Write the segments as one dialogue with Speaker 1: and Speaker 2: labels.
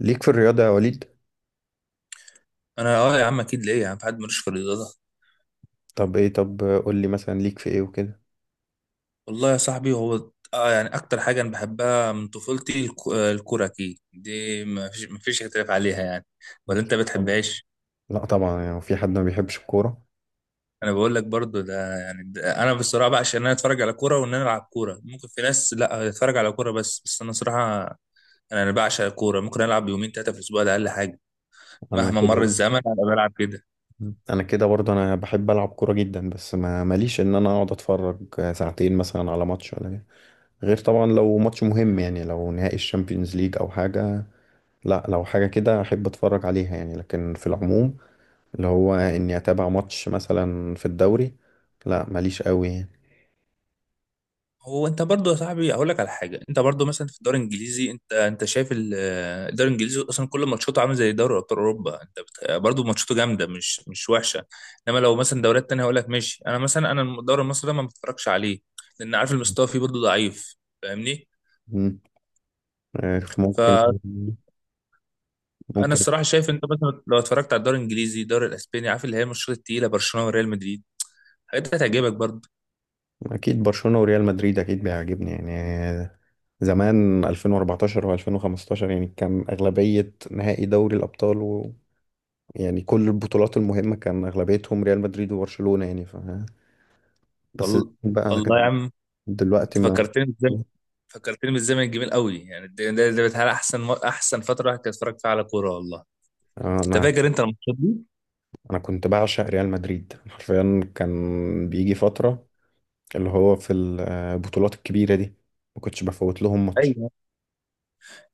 Speaker 1: ليك في الرياضة يا وليد؟
Speaker 2: انا يا عم اكيد ليه يا عم في حد ملوش في الرياضه.
Speaker 1: طب قول لي مثلا ليك في ايه وكده.
Speaker 2: والله يا صاحبي هو يعني اكتر حاجه انا بحبها من طفولتي الكوره اكيد دي ما فيش اختلاف عليها يعني. ولا
Speaker 1: لك-
Speaker 2: انت
Speaker 1: طب-
Speaker 2: بتحبهاش؟
Speaker 1: لا طبعا، يعني في حد ما بيحبش الكورة؟
Speaker 2: انا بقول لك برضو ده يعني ده انا بصراحه بقى، عشان انا اتفرج على كوره وان انا العب كوره. ممكن في ناس لا اتفرج على كوره، بس انا صراحه انا بعشق الكوره. ممكن العب يومين ثلاثه في الاسبوع، ده اقل حاجه.
Speaker 1: انا
Speaker 2: مهما مر
Speaker 1: كده
Speaker 2: الزمن انا بلعب كده.
Speaker 1: انا كده برضه، انا بحب العب كورة جدا، بس ما ماليش ان انا اقعد اتفرج ساعتين مثلا على ماتش ولا كده. غير طبعا لو ماتش مهم، يعني لو نهائي الشامبيونز ليج او حاجة. لا لو حاجة كده احب اتفرج عليها يعني، لكن في العموم، اللي هو اني اتابع ماتش مثلا في الدوري، لا ماليش قوي يعني.
Speaker 2: هو انت برضو يا صاحبي اقول لك على حاجه، انت برضو مثلا في الدوري الانجليزي، انت شايف الدوري الانجليزي اصلا كل ماتشاته عامل زي دوري ابطال اوروبا. برضو ماتشاته جامده، مش وحشه. انما لو مثلا دوريات تانية هقول لك ماشي، انا مثلا، الدوري المصري ده ما بتفرجش عليه، لان عارف المستوى فيه برضو ضعيف. فاهمني؟
Speaker 1: مم. عارف، ممكن
Speaker 2: فانا
Speaker 1: ممكن
Speaker 2: الصراحه شايف، انت مثلا لو اتفرجت على الدوري الانجليزي، الدوري الاسباني، عارف اللي هي الماتشات التقيله، برشلونه وريال مدريد، الحاجات دي هتعجبك برضو.
Speaker 1: اكيد برشلونة وريال مدريد اكيد بيعجبني يعني. زمان 2014 و2015 يعني كان اغلبية نهائي دوري الابطال و، يعني كل البطولات المهمة كان اغلبيتهم ريال مدريد وبرشلونة يعني ف بس
Speaker 2: والله،
Speaker 1: بقى
Speaker 2: والله يا
Speaker 1: لكن
Speaker 2: عم
Speaker 1: دلوقتي
Speaker 2: انت
Speaker 1: ما.
Speaker 2: فكرتني، بالزمن الجميل قوي. يعني ده بتهيألي احسن فتره الواحد كان يتفرج فيها على كوره، والله.
Speaker 1: آه،
Speaker 2: انت
Speaker 1: انا
Speaker 2: فاكر انت الماتشات دي؟
Speaker 1: انا كنت بعشق ريال مدريد حرفيا، كان بيجي فترة اللي هو في البطولات الكبيرة دي ما كنتش بفوت لهم ماتش.
Speaker 2: ايوه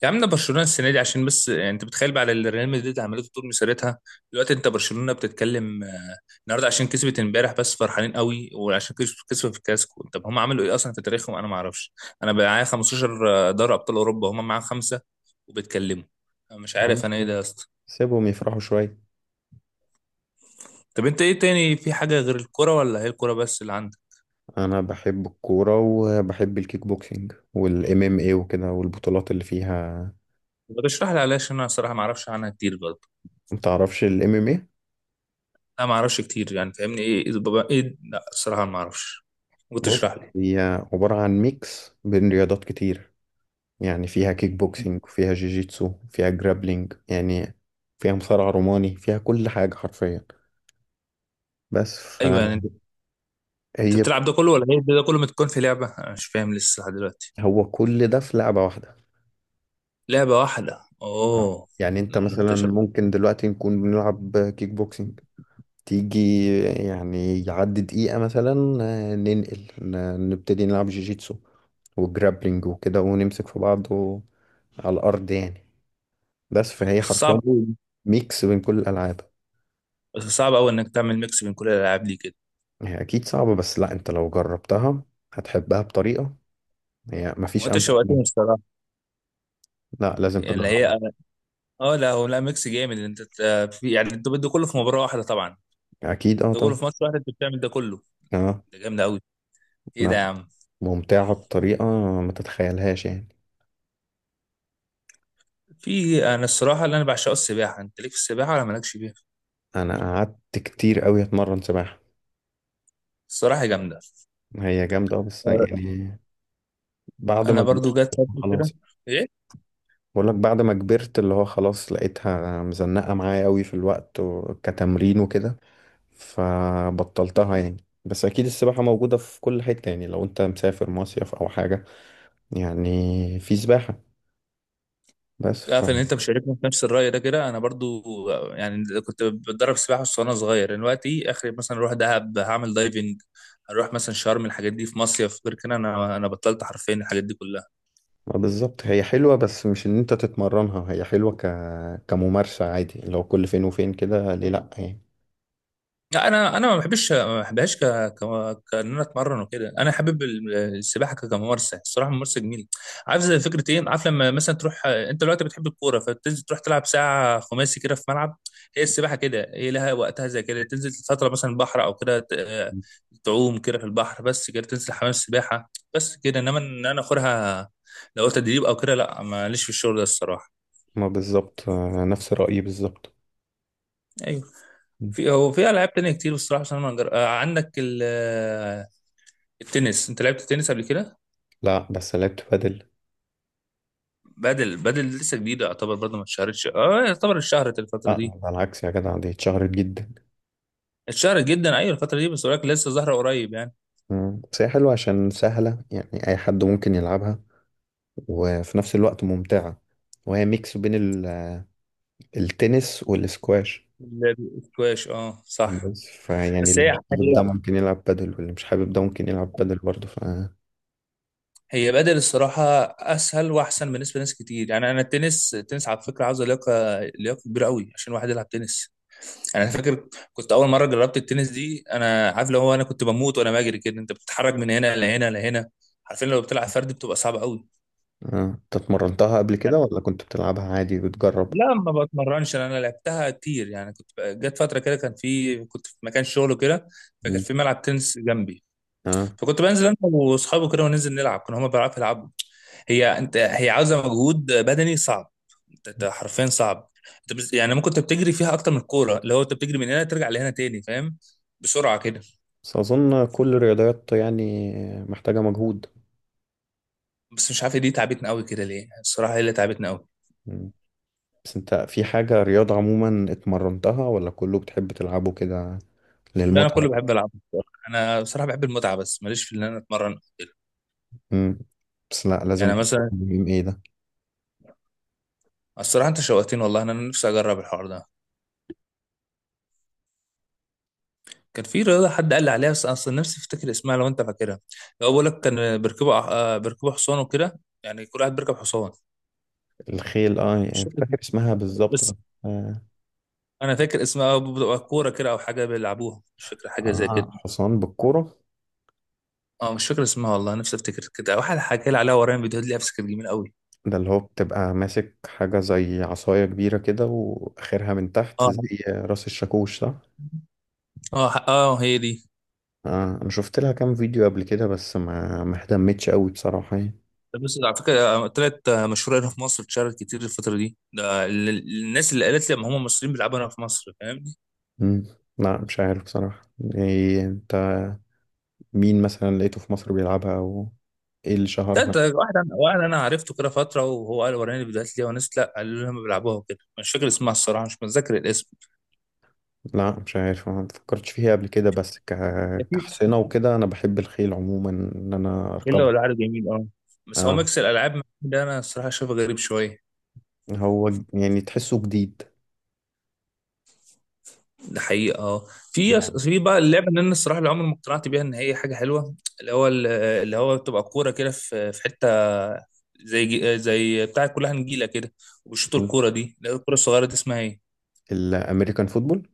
Speaker 2: يا عم، ده برشلونه السنه دي عشان بس يعني انت بتخيل بقى على اللي ريال مدريد عملته طول مسيرتها. دلوقتي انت برشلونه بتتكلم، النهارده عشان كسبت امبارح بس فرحانين قوي، وعشان كسبوا في الكلاسيكو. طب هم عملوا ايه اصلا في تاريخهم، انا ما اعرفش. انا بقى معايا 15 دوري ابطال اوروبا، هم معاهم خمسه وبيتكلموا. أنا مش
Speaker 1: يا عم
Speaker 2: عارف انا ايه ده يا اسطى.
Speaker 1: سيبهم يفرحوا شوية.
Speaker 2: طب انت ايه تاني، في حاجه غير الكوره ولا هي الكوره بس اللي عندك؟
Speaker 1: انا بحب الكوره، وبحب الكيك بوكسينج والام ام اي وكده، والبطولات اللي فيها.
Speaker 2: ما تشرح لي، علاش انا صراحه ما اعرفش عنها كتير برضه.
Speaker 1: ما تعرفش الام ام اي؟
Speaker 2: انا ما اعرفش كتير يعني، فاهمني؟ ايه ايه بابا، ايه؟ لا الصراحه ما اعرفش. ممكن
Speaker 1: بص،
Speaker 2: تشرح لي؟
Speaker 1: هي عباره عن ميكس بين رياضات كتير. يعني فيها كيك بوكسينج، وفيها جيجيتسو، فيها جرابلينج يعني، فيها مصارع روماني، فيها كل حاجه حرفيا. بس
Speaker 2: ايوه، يعني
Speaker 1: فهي
Speaker 2: انت، بتلعب ده كله ولا ايه؟ ده كله متكون في لعبه؟ انا مش فاهم لسه لحد دلوقتي.
Speaker 1: هو كل ده في لعبه واحده.
Speaker 2: لعبه واحده؟
Speaker 1: آه.
Speaker 2: اوه.
Speaker 1: يعني
Speaker 2: لا
Speaker 1: انت
Speaker 2: انت
Speaker 1: مثلا
Speaker 2: شو...
Speaker 1: ممكن دلوقتي نكون بنلعب كيك بوكسينج، تيجي يعني يعدي دقيقة مثلا، نبتدي نلعب جيجيتسو وجرابلينج وكده، ونمسك في بعض و على الأرض يعني. بس فهي
Speaker 2: بس صعب
Speaker 1: حرفيا
Speaker 2: قوي.
Speaker 1: ميكس بين كل الألعاب.
Speaker 2: بس صعب قوي انك تعمل ميكس بين كل الالعاب دي كده.
Speaker 1: هي أكيد صعبة، بس لا أنت لو جربتها هتحبها بطريقة، هي
Speaker 2: هو
Speaker 1: مفيش
Speaker 2: انت
Speaker 1: أمتع منها.
Speaker 2: شوقتني الصراحه.
Speaker 1: لا لازم
Speaker 2: يعني اللي هي،
Speaker 1: تجربها.
Speaker 2: اه لا هو لا، ميكس جامد. انت ت- في يعني انت ده كله في مباراه واحده طبعا؟
Speaker 1: أكيد أه
Speaker 2: ده كله
Speaker 1: طبعا.
Speaker 2: في ماتش واحد انت بتعمل ده كله؟
Speaker 1: أه.
Speaker 2: ده جامد قوي. ايه ده يا
Speaker 1: لا
Speaker 2: عم.
Speaker 1: ممتعة بطريقة ما تتخيلهاش يعني.
Speaker 2: في انا الصراحه اللي انا بعشقه السباحه. انت ليك في السباحه ولا مالكش بيها؟
Speaker 1: أنا قعدت كتير أوي أتمرن سباحة.
Speaker 2: الصراحه جامده.
Speaker 1: هي جامدة أوي، بس
Speaker 2: آه،
Speaker 1: يعني بعد
Speaker 2: انا
Speaker 1: ما
Speaker 2: برضو
Speaker 1: كبرت
Speaker 2: جت فتره كده.
Speaker 1: خلاص.
Speaker 2: ايه.
Speaker 1: بقول لك بعد ما كبرت اللي هو خلاص لقيتها مزنقة معايا قوي في الوقت و كتمرين وكده، فبطلتها يعني. بس اكيد السباحة موجودة في كل حتة، يعني لو انت مسافر مصيف او حاجة يعني في سباحة. بس ف
Speaker 2: عارف ان انت مشاركني في نفس الراي ده كده، انا برضو يعني كنت بتدرب سباحه بس وانا صغير. دلوقتي اخري مثلا اروح دهب هعمل دايفنج، هروح مثلا شرم، الحاجات دي في مصيف. غير كده انا بطلت حرفيا الحاجات دي كلها.
Speaker 1: ما بالظبط، هي حلوة بس مش ان انت تتمرنها، هي حلوة ك كممارسة عادي، لو كل فين وفين كده ليه لأ يعني.
Speaker 2: لا انا ما بحبش، ما بحبهاش. كان انا اتمرن وكده. انا حابب السباحه كممارسه الصراحه، ممارسه جميله. عارف زي فكره ايه؟ عارف لما مثلا تروح انت دلوقتي بتحب الكوره فتنزل تروح تلعب ساعه خماسي كده في ملعب، هي السباحه كده، هي لها وقتها زي كده، تنزل فتره مثلا البحر او كده تعوم كده في البحر، بس كده تنزل حمام السباحه بس كده. انما ان انا اخرها لو تدريب او كده، لا ماليش في الشغل ده الصراحه.
Speaker 1: ما بالظبط، نفس رأيي بالظبط.
Speaker 2: ايوه. في هو في العاب تانية كتير بصراحه. بس انا ما جر- آه، عندك التنس. انت لعبت تنس قبل كده؟
Speaker 1: لا بس لعبت بادل.
Speaker 2: بدل لسه جديده يعتبر برضه، ما اتشهرتش، اه يعتبر اتشهرت الفتره دي.
Speaker 1: لا على العكس يا جدع، دي اتشهرت جدا.
Speaker 2: اتشهرت جدا، ايوه الفتره دي، بس ولكن لسه ظاهره قريب يعني.
Speaker 1: مم. بس هي حلوة عشان سهلة، يعني أي حد ممكن يلعبها، وفي نفس الوقت ممتعة، وهي ميكس بين ال التنس والسكواش.
Speaker 2: الاسكواش اه صح.
Speaker 1: بس فيعني
Speaker 2: بس
Speaker 1: اللي
Speaker 2: هي
Speaker 1: مش حابب
Speaker 2: هي
Speaker 1: ده ممكن يلعب بادل، واللي مش حابب ده ممكن يلعب بادل برضه ف اه.
Speaker 2: هي بدل الصراحه اسهل واحسن بالنسبه لناس كتير يعني. انا التنس، على فكره عاوز لياقه، كبيره قوي عشان واحد يلعب تنس. يعني انا فاكر كنت اول مره جربت التنس دي، انا عارف لو هو انا كنت بموت وانا بجري كده، انت بتتحرك من هنا لهنا لهنا. عارفين لو بتلعب فردي بتبقى صعبه قوي.
Speaker 1: انت اتمرنتها قبل كده ولا كنت بتلعبها عادي بتجرب؟
Speaker 2: لا ما بتمرنش، انا لعبتها كتير يعني. كنت جت فتره كده، كان في كنت في مكان شغل كده، فكان
Speaker 1: مم.
Speaker 2: في ملعب تنس جنبي.
Speaker 1: اه
Speaker 2: فكنت بنزل انا واصحابي كده وننزل نلعب، كانوا هما بيعرفوا يلعبوا. هي انت هي عاوزه مجهود بدني صعب. انت حرفيا صعب. يعني ممكن انت بتجري فيها اكتر من الكوره، اللي هو انت بتجري من هنا ترجع لهنا تاني فاهم، بسرعه كده.
Speaker 1: بس أظن كل الرياضات يعني محتاجة مجهود.
Speaker 2: بس مش عارف دي تعبتنا قوي كده ليه الصراحه، هي اللي تعبتنا قوي.
Speaker 1: مم. بس انت في حاجة رياضة عموما اتمرنتها، ولا كله بتحب تلعبه كده
Speaker 2: لا انا
Speaker 1: للمتعة؟
Speaker 2: كله بحب العب الصراحة. انا بصراحه بحب المتعه، بس ماليش في ان انا اتمرن أو كده.
Speaker 1: مم. بس لا لازم
Speaker 2: يعني مثلا
Speaker 1: تفهم ايه ده.
Speaker 2: الصراحة انت شوقتني والله، انا نفسي اجرب الحوار ده. كان في رياضة حد قال لي عليها، بس اصلا نفسي افتكر اسمها لو انت فاكرها. لو بقول لك كان بيركبوا، بيركبوا حصان وكده، يعني كل واحد بيركب حصان.
Speaker 1: الخيل اه،
Speaker 2: مش
Speaker 1: يعني مش
Speaker 2: فاكر
Speaker 1: فاكر
Speaker 2: اسمها،
Speaker 1: اسمها بالظبط
Speaker 2: بس
Speaker 1: بس. آه.
Speaker 2: انا فاكر اسمها بتبقى كورة كده او حاجة بيلعبوها، مش فاكر حاجة زي
Speaker 1: آه،
Speaker 2: كده.
Speaker 1: حصان بالكوره.
Speaker 2: اه مش فاكر اسمها والله، نفسي افتكر. كده واحد حكى لي عليها ورايا فيديوهات ليها، بس كانت جميلة قوي.
Speaker 1: ده اللي هو بتبقى ماسك حاجة زي عصاية كبيرة كده، وآخرها من تحت زي
Speaker 2: اه
Speaker 1: راس الشاكوش، صح؟
Speaker 2: اه اه هي دي.
Speaker 1: آه أنا شفت لها كام فيديو قبل كده، بس ما اهتمتش قوي بصراحة يعني.
Speaker 2: بس على فكره طلعت مشهوره هنا في مصر، اتشهرت كتير الفتره دي. ده الناس اللي قالت لي ما هم مصريين بيلعبوا هنا في مصر، فاهم.
Speaker 1: مم. لا مش عارف بصراحة إيه أنت، مين مثلا لقيته في مصر بيلعبها، أو إيه اللي
Speaker 2: ده
Speaker 1: شهرها؟
Speaker 2: ده واحد انا، عرفته كده فتره وهو قال وراني الفيديوهات، ليه وناس لا قالوا لي هم بيلعبوها وكده. مش فاكر اسمها الصراحه، مش متذكر الاسم.
Speaker 1: لا مش عارف، ما فكرتش فيها قبل كده، بس ك
Speaker 2: ده في
Speaker 1: كحصينة وكده انا بحب الخيل عموما ان انا
Speaker 2: كله
Speaker 1: اركبه.
Speaker 2: ولا عارف، جميل اه. بس هو
Speaker 1: اه
Speaker 2: ميكس الالعاب ده انا الصراحه شايفه غريب شويه.
Speaker 1: هو ج يعني تحسه جديد.
Speaker 2: ده حقيقه اه. في في بقى اللعبه اللي انا الصراحه اللي عمري ما اقتنعت بيها ان هي حاجه حلوه، اللي هو بتبقى كوره كده في في حته زي زي بتاع كلها نجيله كده، وبيشوطوا
Speaker 1: يعني
Speaker 2: الكوره دي، اللي هي الكوره الصغيره دي، اسمها ايه؟
Speaker 1: الامريكان فوتبول.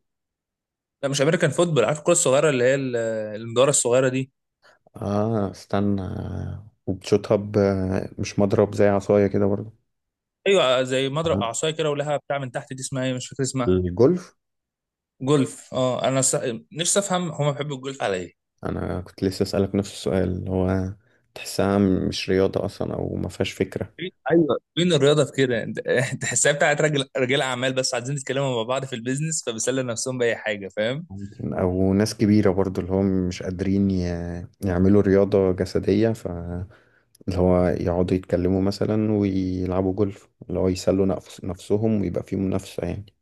Speaker 2: لا مش امريكان فوتبول. عارف الكوره الصغيره اللي هي المدوره الصغيره دي؟
Speaker 1: اه استنى، وبتشوطها ب مش مضرب زي عصاية كده برضه.
Speaker 2: ايوه زي مضرب
Speaker 1: آه.
Speaker 2: اعصايه كده ولها بتاع من تحت، دي اسمها ايه؟ مش فاكر اسمها.
Speaker 1: الجولف.
Speaker 2: جولف، اه. نفسي افهم هما بيحبوا الجولف على ايه.
Speaker 1: انا كنت لسه اسالك نفس السؤال، اللي هو تحسها مش رياضة اصلا، او ما فيهاش فكرة.
Speaker 2: ايوه، فين الرياضه في كده؟ تحسها بتاعت رجل، رجال اعمال بس عايزين يتكلموا مع بعض في البيزنس فبيسلوا نفسهم باي حاجه، فاهم.
Speaker 1: ممكن، او ناس كبيرة برضو اللي هم مش قادرين ي يعملوا رياضة جسدية، اللي هو يقعدوا يتكلموا مثلا ويلعبوا جولف، اللي هو يسلوا نفسهم، ويبقى فيه منافسة يعني.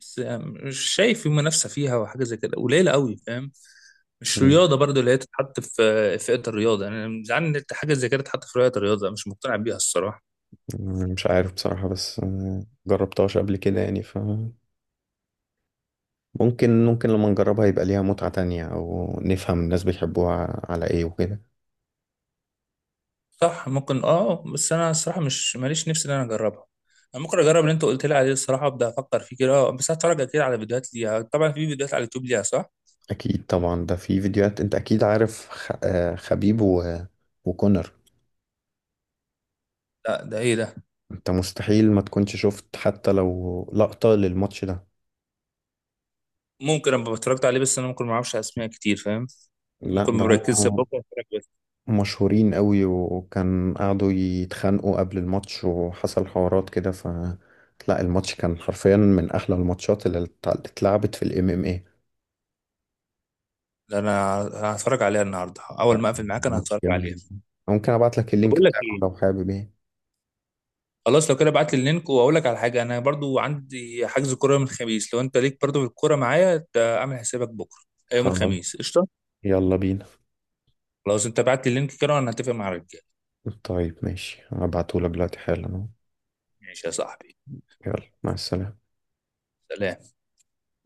Speaker 2: بس مش شايف في منافسه فيها وحاجه زي كده، قليله قوي فاهم. مش
Speaker 1: مم.
Speaker 2: رياضه برضو اللي هي تتحط في في فئه الرياضه. انا يعني زعلان ان حاجه زي كده تتحط في فئه الرياضه، مش مقتنع بيها الصراحه.
Speaker 1: مش عارف بصراحة، بس جربتهاش قبل كده يعني ف ممكن لما نجربها يبقى ليها متعة تانية، أو نفهم الناس بيحبوها على إيه وكده.
Speaker 2: صح، ممكن اه، بس انا الصراحه مش ماليش نفسي ان انا اجربها. انا ممكن اجرب اللي انت قلت لي عليه الصراحه، ابدا افكر فيه كده بس هتفرج اكيد على فيديوهات ليها طبعا، في فيديوهات على اليوتيوب ليها صح؟
Speaker 1: أكيد طبعا، ده في فيديوهات، أنت أكيد عارف خ... آه، خبيب و وكونر.
Speaker 2: لا ده ايه ده؟
Speaker 1: أنت مستحيل ما تكونش شفت حتى لو لقطة للماتش ده.
Speaker 2: ممكن ابقى اتفرجت عليه بس انا ممكن ما اعرفش اسماء كتير فاهم.
Speaker 1: لا
Speaker 2: ممكن
Speaker 1: ده
Speaker 2: ما بركزش، بكره
Speaker 1: هم
Speaker 2: اتفرج بس.
Speaker 1: مشهورين قوي، وكان قعدوا يتخانقوا قبل الماتش وحصل حوارات كده ف لا الماتش كان حرفيا من احلى الماتشات اللي اتلعبت في الام ام اي.
Speaker 2: ده انا هتفرج عليها النهارده، اول ما اقفل معاك انا
Speaker 1: ماتش
Speaker 2: هتفرج
Speaker 1: جميل
Speaker 2: عليها.
Speaker 1: جدا. ممكن ابعت لك
Speaker 2: طب
Speaker 1: اللينك
Speaker 2: اقول لك
Speaker 1: بتاعه
Speaker 2: ايه،
Speaker 1: لو حابب ايه.
Speaker 2: خلاص لو كده ابعت لي اللينك. واقول لك على حاجه، انا برضو عندي حجز كوره يوم الخميس، لو انت ليك برضو في الكوره معايا اعمل حسابك بكره يوم الخميس
Speaker 1: خلاص.
Speaker 2: قشطه.
Speaker 1: يلا بينا.
Speaker 2: خلاص انت بعت لي اللينك كده وانا هتفق مع الرجاله.
Speaker 1: طيب ماشي، هبعته لك دلوقتي حالا أهو.
Speaker 2: ماشي يا صاحبي.
Speaker 1: يلا مع السلامة.
Speaker 2: سلام.